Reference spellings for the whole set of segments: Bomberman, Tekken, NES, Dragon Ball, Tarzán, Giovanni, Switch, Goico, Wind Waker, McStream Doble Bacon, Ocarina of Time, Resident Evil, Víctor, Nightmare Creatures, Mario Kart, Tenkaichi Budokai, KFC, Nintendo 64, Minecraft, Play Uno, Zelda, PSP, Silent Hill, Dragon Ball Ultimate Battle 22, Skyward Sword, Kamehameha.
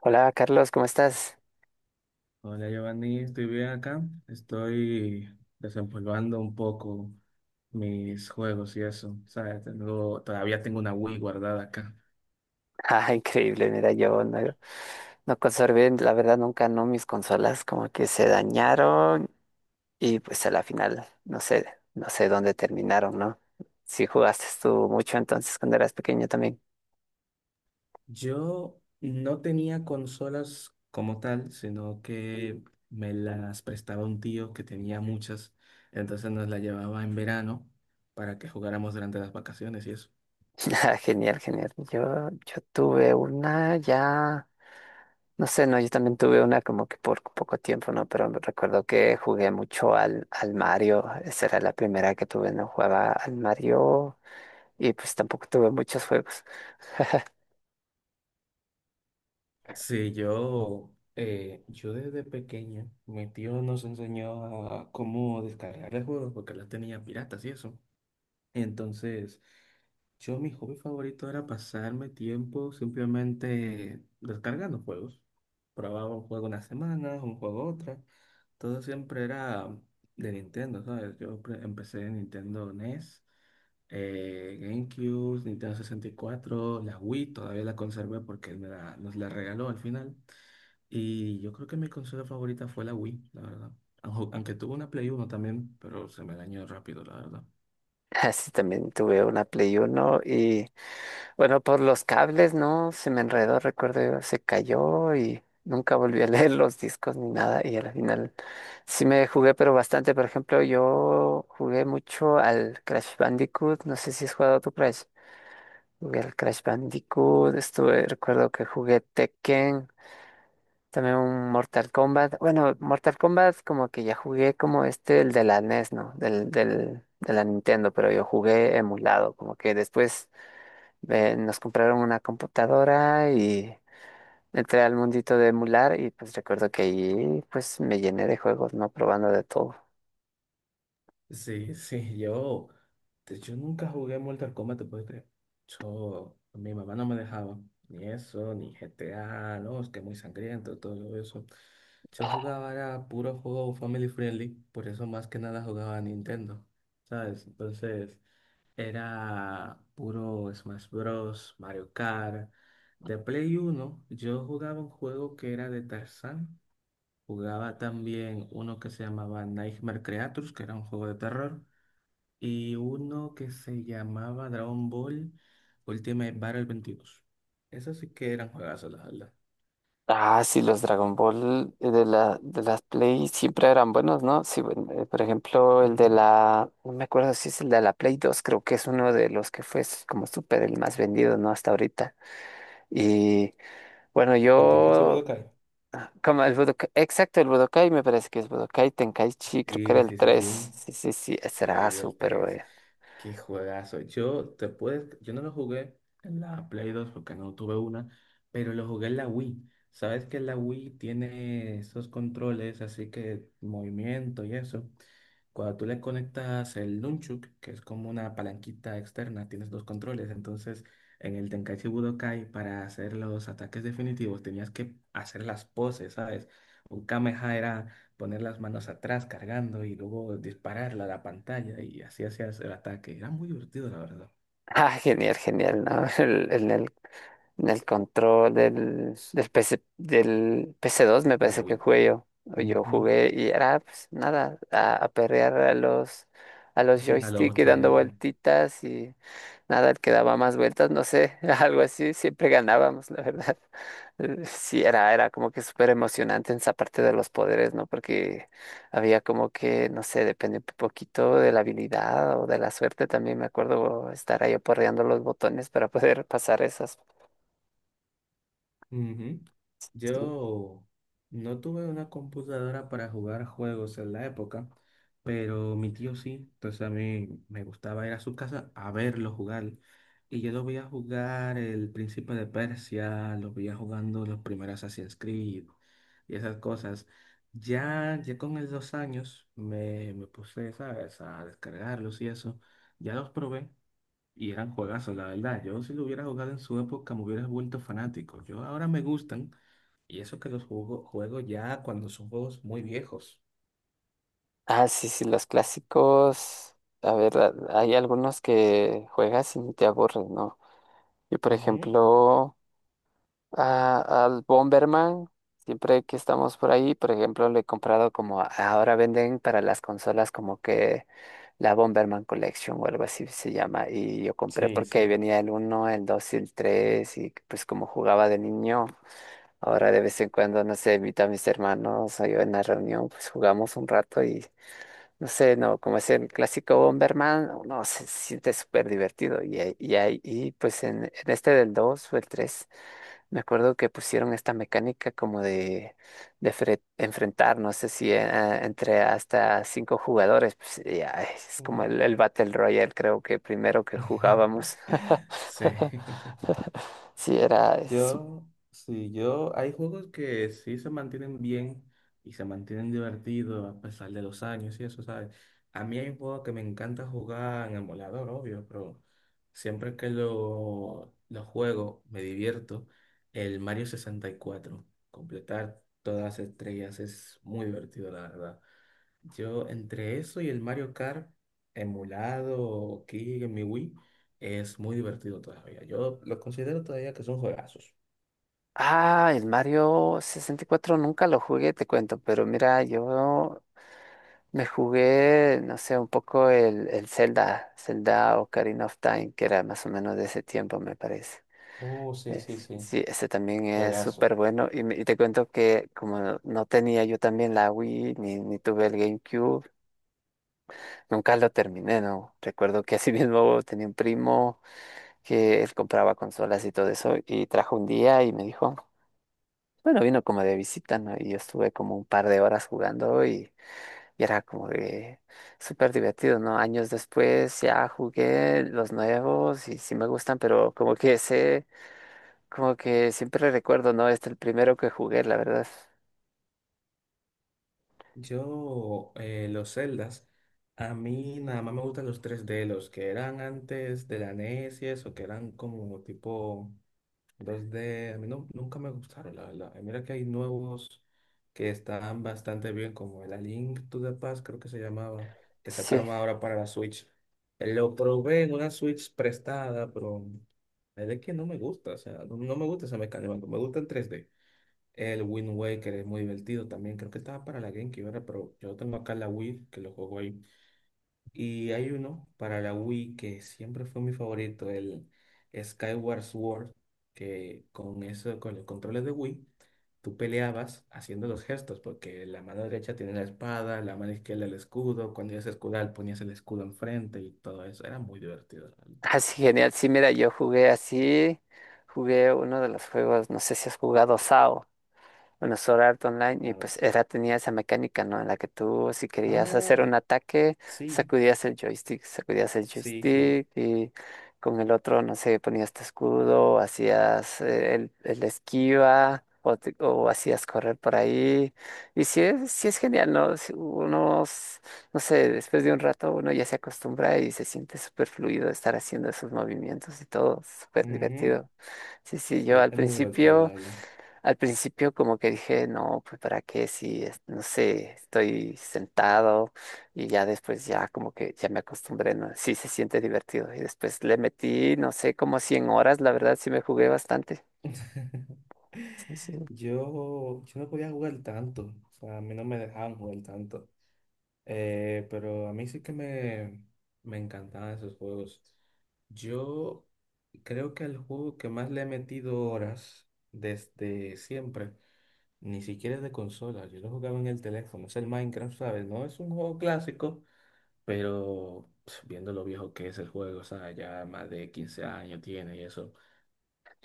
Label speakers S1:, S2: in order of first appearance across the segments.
S1: Hola Carlos, ¿cómo estás?
S2: Hola Giovanni, estoy bien acá. Estoy desempolvando un poco mis juegos y eso. ¿Sabes? Todavía tengo una Wii guardada acá.
S1: Ah, increíble, mira, yo no, no conservé, la verdad nunca no mis consolas como que se dañaron y pues a la final no sé, no sé dónde terminaron, ¿no? ¿Si jugaste tú mucho entonces cuando eras pequeño también?
S2: Yo no tenía consolas como tal, sino que me las prestaba un tío que tenía muchas. Entonces nos las llevaba en verano para que jugáramos durante las vacaciones y eso.
S1: Ah, genial, genial. Yo tuve una ya, no sé, no, yo también tuve una como que por poco tiempo, ¿no? Pero me recuerdo que jugué mucho al Mario, esa era la primera que tuve, no jugaba al Mario y pues tampoco tuve muchos juegos.
S2: Sí, yo desde pequeño, mi tío nos enseñó a cómo descargar el juego porque la tenía piratas y eso. Entonces, yo mi hobby favorito era pasarme tiempo simplemente descargando juegos. Probaba un juego una semana, un juego otra. Todo siempre era de Nintendo, ¿sabes? Empecé en Nintendo NES, GameCube, Nintendo 64, la Wii todavía la conservé porque nos la regaló al final. Y yo creo que mi consola favorita fue la Wii, la verdad. Aunque tuve una Play Uno también, pero se me dañó rápido, la verdad.
S1: Sí, también tuve una Play uno y bueno, por los cables, ¿no? Se me enredó, recuerdo yo, se cayó y nunca volví a leer los discos ni nada y al final sí me jugué, pero bastante. Por ejemplo, yo jugué mucho al Crash Bandicoot, no sé si has jugado tu Crash. Jugué al Crash Bandicoot, estuve, recuerdo que jugué Tekken, también un Mortal Kombat. Bueno, Mortal Kombat como que ya jugué como este, el de la NES, ¿no? De la Nintendo, pero yo jugué emulado. Como que después nos compraron una computadora y entré al mundito de emular y pues recuerdo que ahí pues me llené de juegos, ¿no? Probando de todo.
S2: Sí, sí, yo nunca jugué Mortal Kombat, te puedes creer. Yo, mi mamá no me dejaba, ni eso, ni GTA, no, es que muy sangriento, todo eso. Yo jugaba, era puro juego family friendly, por eso más que nada jugaba a Nintendo, ¿sabes? Entonces, era puro Smash Bros, Mario Kart. De Play Uno, yo jugaba un juego que era de Tarzán. Jugaba también uno que se llamaba Nightmare Creatures, que era un juego de terror y uno que se llamaba Dragon Ball Ultimate Battle 22. Esos sí que eran juegazos, la verdad.
S1: Ah, sí, los Dragon Ball de la, de las Play siempre eran buenos, ¿no? Sí, bueno, por ejemplo, el de
S2: Ujú.
S1: la, no me acuerdo si es el de la Play dos, creo que es uno de los que fue como súper el más vendido, ¿no? Hasta ahorita. Y bueno,
S2: El Tenkaichi
S1: yo,
S2: Budokai.
S1: como el Budokai, exacto, el Budokai me parece que es Budokai Tenkaichi, creo que era
S2: Sí,
S1: el
S2: sí, sí,
S1: tres.
S2: sí.
S1: Sí, sí, sí, ese
S2: Sí,
S1: era Asu,
S2: el
S1: pero
S2: tres. Qué juegazo. Yo no lo jugué en la Play 2 porque no tuve una, pero lo jugué en la Wii. Sabes que la Wii tiene esos controles, así que movimiento y eso. Cuando tú le conectas el nunchuk, que es como una palanquita externa, tienes dos controles. Entonces, en el Tenkaichi Budokai, para hacer los ataques definitivos, tenías que hacer las poses, ¿sabes? Un Kamehameha, poner las manos atrás cargando y luego dispararla a la pantalla y así hacías el ataque. Era muy divertido, la verdad,
S1: Ah, genial, genial, ¿no? El del control del PC, del PC dos me
S2: de la
S1: parece que
S2: Wii.
S1: jugué yo. O yo
S2: Ujú.
S1: jugué y era pues nada, a perrear a los
S2: A lo
S1: joystick y dando
S2: ya.
S1: vueltitas y nada, el que daba más vueltas, no sé, algo así, siempre ganábamos, la verdad. Sí, era como que súper emocionante en esa parte de los poderes, ¿no? Porque había como que, no sé, depende un poquito de la habilidad o de la suerte también, me acuerdo estar ahí aporreando los botones para poder pasar esas.
S2: Ujú. Yo no tuve una computadora para jugar juegos en la época, pero mi tío sí, entonces a mí me gustaba ir a su casa a verlo jugar. Y yo lo veía jugar el Príncipe de Persia, lo veía jugando los primeros Assassin's Creed y esas cosas. Ya, ya con el 2 años me puse, ¿sabes?, a descargarlos y eso. Ya los probé, y eran juegazos, la verdad. Yo si lo hubiera jugado en su época me hubiera vuelto fanático. Yo ahora me gustan y eso que los juego, juego ya cuando son juegos muy viejos.
S1: Ah, sí, sí, los clásicos. A ver, hay algunos que juegas y ni te aburres, ¿no? Yo, por
S2: Ujú.
S1: ejemplo, al Bomberman, siempre que estamos por ahí, por ejemplo, le he comprado como ahora venden para las consolas como que la Bomberman Collection o algo así se llama. Y yo compré
S2: Sí,
S1: porque ahí
S2: sí.
S1: venía el uno, el 2 y el 3 y pues como jugaba de niño. Ahora de vez en cuando, no sé, invito a mis hermanos o yo en la reunión, pues jugamos un rato y. No sé, no, como es el clásico Bomberman, no, se siente súper divertido. Y pues en este del 2 o el 3 me acuerdo que pusieron esta mecánica como de enfrentar, no sé si entre hasta cinco jugadores, pues ya, es como
S2: Ujú.
S1: el Battle Royale, creo que primero que jugábamos.
S2: Sí.
S1: Sí, era.
S2: Sí, hay juegos que sí se mantienen bien y se mantienen divertidos a pesar de los años y eso, ¿sabes? A mí hay un juego que me encanta jugar en emulador, obvio, pero siempre que lo juego me divierto. El Mario 64, completar todas las estrellas, es muy divertido, la verdad. Yo, entre eso y el Mario Kart, emulado aquí en mi Wii, es muy divertido todavía. Yo lo considero todavía que son juegazos.
S1: Ah, el Mario 64 nunca lo jugué, te cuento, pero mira, yo. Me jugué, no sé, un poco el Zelda, Zelda Ocarina of Time, que era más o menos de ese tiempo, me parece.
S2: Oh, sí, sí,
S1: Es-
S2: sí.
S1: sí, ese también es
S2: Juegazo.
S1: súper bueno. Y te cuento que como no, no tenía yo también la Wii, ni tuve el GameCube, nunca lo terminé, ¿no? Recuerdo que así mismo tenía un primo que él compraba consolas y todo eso, y trajo un día y me dijo, bueno, vino como de visita, ¿no? Y yo estuve como un par de horas jugando. Y era como que súper divertido, ¿no? Años después ya jugué los nuevos y sí me gustan, pero como que sé, como que siempre recuerdo, ¿no? Este es el primero que jugué, la verdad.
S2: Yo, los Zeldas, a mí nada más me gustan los 3D, los que eran antes de la NES y eso, que eran como tipo 2D. A mí nunca me gustaron, la verdad. Y mira que hay nuevos que están bastante bien, como el A Link to the Past, creo que se llamaba, que
S1: Sí.
S2: sacaron ahora para la Switch. Lo probé en una Switch prestada, pero es de que no me gusta, o sea, no me gusta esa mecánica, me gusta en 3D. El Wind Waker es muy divertido también. Creo que estaba para la GameCube, ¿verdad? Pero yo tengo acá la Wii, que lo juego ahí. Y hay uno para la Wii que siempre fue mi favorito, el Skyward Sword, que con eso, con los controles de Wii, tú peleabas haciendo los gestos, porque la mano derecha tiene la espada, la mano izquierda el escudo. Cuando ibas a escudar, ponías el escudo enfrente y todo eso. Era muy divertido, ¿la verdad?
S1: Así genial. Sí, mira, yo jugué así, jugué uno de los juegos, no sé si has jugado SAO. Bueno, Sword Art Online, y
S2: Claro.
S1: pues era, tenía esa mecánica, ¿no? En la que tú, si querías hacer
S2: Ah,
S1: un ataque,
S2: sí,
S1: sacudías el
S2: sí, sí.
S1: joystick y con el otro, no sé, ponías tu escudo, hacías el esquiva o hacías correr por ahí. Y sí es genial, ¿no? Si uno, no sé, después de un rato uno ya se acostumbra y se siente súper fluido estar haciendo esos movimientos y todo, súper
S2: Ujú.
S1: divertido. Sí, sí, yo al
S2: Es muy divertido, la
S1: principio.
S2: verdad.
S1: Al principio como que dije, no, pues para qué si, no sé, estoy sentado y ya después ya como que ya me acostumbré, ¿no? Sí se siente divertido. Y después le metí, no sé, como 100 horas, la verdad sí me jugué bastante. Sí, sí.
S2: Yo no podía jugar tanto, o sea, a mí no me dejaban jugar tanto. Pero a mí sí que me encantaban esos juegos. Yo creo que el juego que más le he metido horas desde siempre, ni siquiera es de consola, yo lo jugaba en el teléfono, es el Minecraft, ¿sabes? No es un juego clásico, pero pf, viendo lo viejo que es el juego, o sea, ya más de 15 años tiene y eso.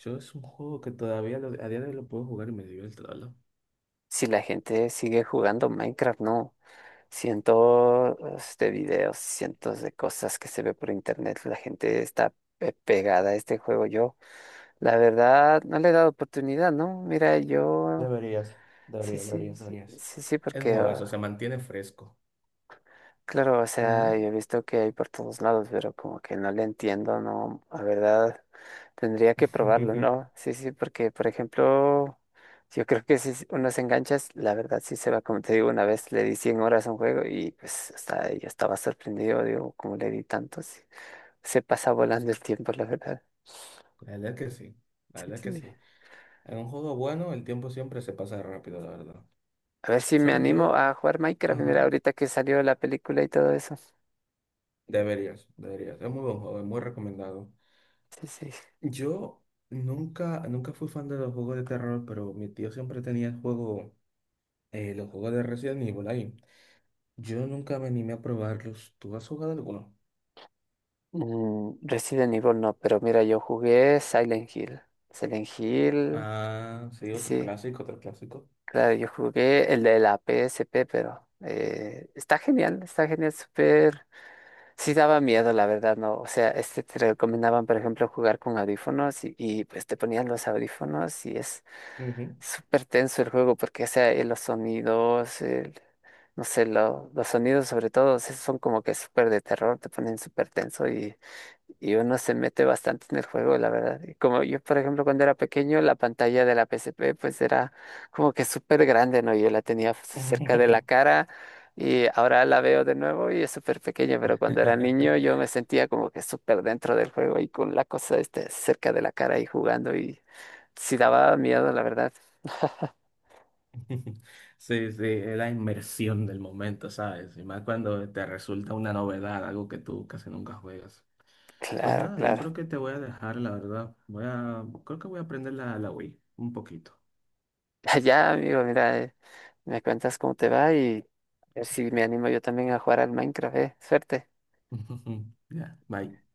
S2: Yo es un juego que todavía a día de hoy lo puedo jugar y me divierte, la verdad.
S1: Si la gente sigue jugando Minecraft, no. Cientos de videos, cientos de cosas que se ve por internet, la gente está pegada a este juego. Yo, la verdad, no le he dado oportunidad, ¿no? Mira, yo.
S2: Deberías,
S1: Sí,
S2: deberías,
S1: sí,
S2: deberías,
S1: sí,
S2: deberías.
S1: sí, sí,
S2: Es un
S1: porque,
S2: juegazo, se
S1: ah,
S2: mantiene fresco.
S1: claro, o sea,
S2: Ujú.
S1: yo he visto que hay por todos lados, pero como que no le entiendo, no, la verdad, tendría que probarlo, ¿no? Sí, sí, porque, por ejemplo, yo creo que si uno se engancha, la verdad sí se va, como te digo, una vez le di 100 horas a un juego y pues hasta yo estaba sorprendido, digo, cómo le di tanto, sí, se pasa volando el tiempo, la verdad.
S2: La verdad que sí, la
S1: Sí,
S2: verdad que
S1: sí.
S2: sí. En un juego bueno, el tiempo siempre se pasa rápido, la verdad.
S1: A ver si me
S2: ¿Sabes?
S1: animo
S2: Yo,
S1: a jugar Minecraft, mira,
S2: ajá,
S1: ahorita que salió la película y todo eso.
S2: deberías, deberías. Es muy buen juego, es muy recomendado.
S1: Sí, sí.
S2: Yo nunca, nunca fui fan de los juegos de terror, pero mi tío siempre tenía el juego, los juegos de Resident Evil ahí. Yo nunca me animé a probarlos. ¿Tú has jugado alguno?
S1: Resident Evil no, pero mira, yo jugué Silent Hill. Silent Hill,
S2: Ah, sí,
S1: sí,
S2: otro
S1: sí,
S2: clásico, otro clásico.
S1: claro, yo jugué el de la PSP, pero está genial, súper. Sí daba miedo, la verdad, ¿no? O sea, este te recomendaban, por ejemplo, jugar con audífonos y pues te ponían los audífonos y es
S2: Ujú.
S1: súper tenso el juego porque, o sea, los sonidos, no sé, los sonidos sobre todo, sí son como que súper de terror, te ponen súper tenso y uno se mete bastante en el juego, la verdad. Y como yo, por ejemplo, cuando era pequeño, la pantalla de la PSP pues era como que súper grande, ¿no? Yo la tenía cerca de la cara y ahora la veo de nuevo y es súper pequeña, pero cuando era niño yo me sentía como que súper dentro del juego y con la cosa este, cerca de la cara y jugando y sí daba miedo, la verdad.
S2: Sí, sí, es la inmersión del momento, ¿sabes? Y más cuando te resulta una novedad, algo que tú casi nunca juegas. Pues
S1: Claro,
S2: nada, yo
S1: claro.
S2: creo que te voy a dejar, la verdad. Creo que voy a aprender la Wii un poquito.
S1: Allá, amigo, mira, me cuentas cómo te va y a ver si me animo yo también a jugar al Minecraft. Suerte.
S2: Ya, bye.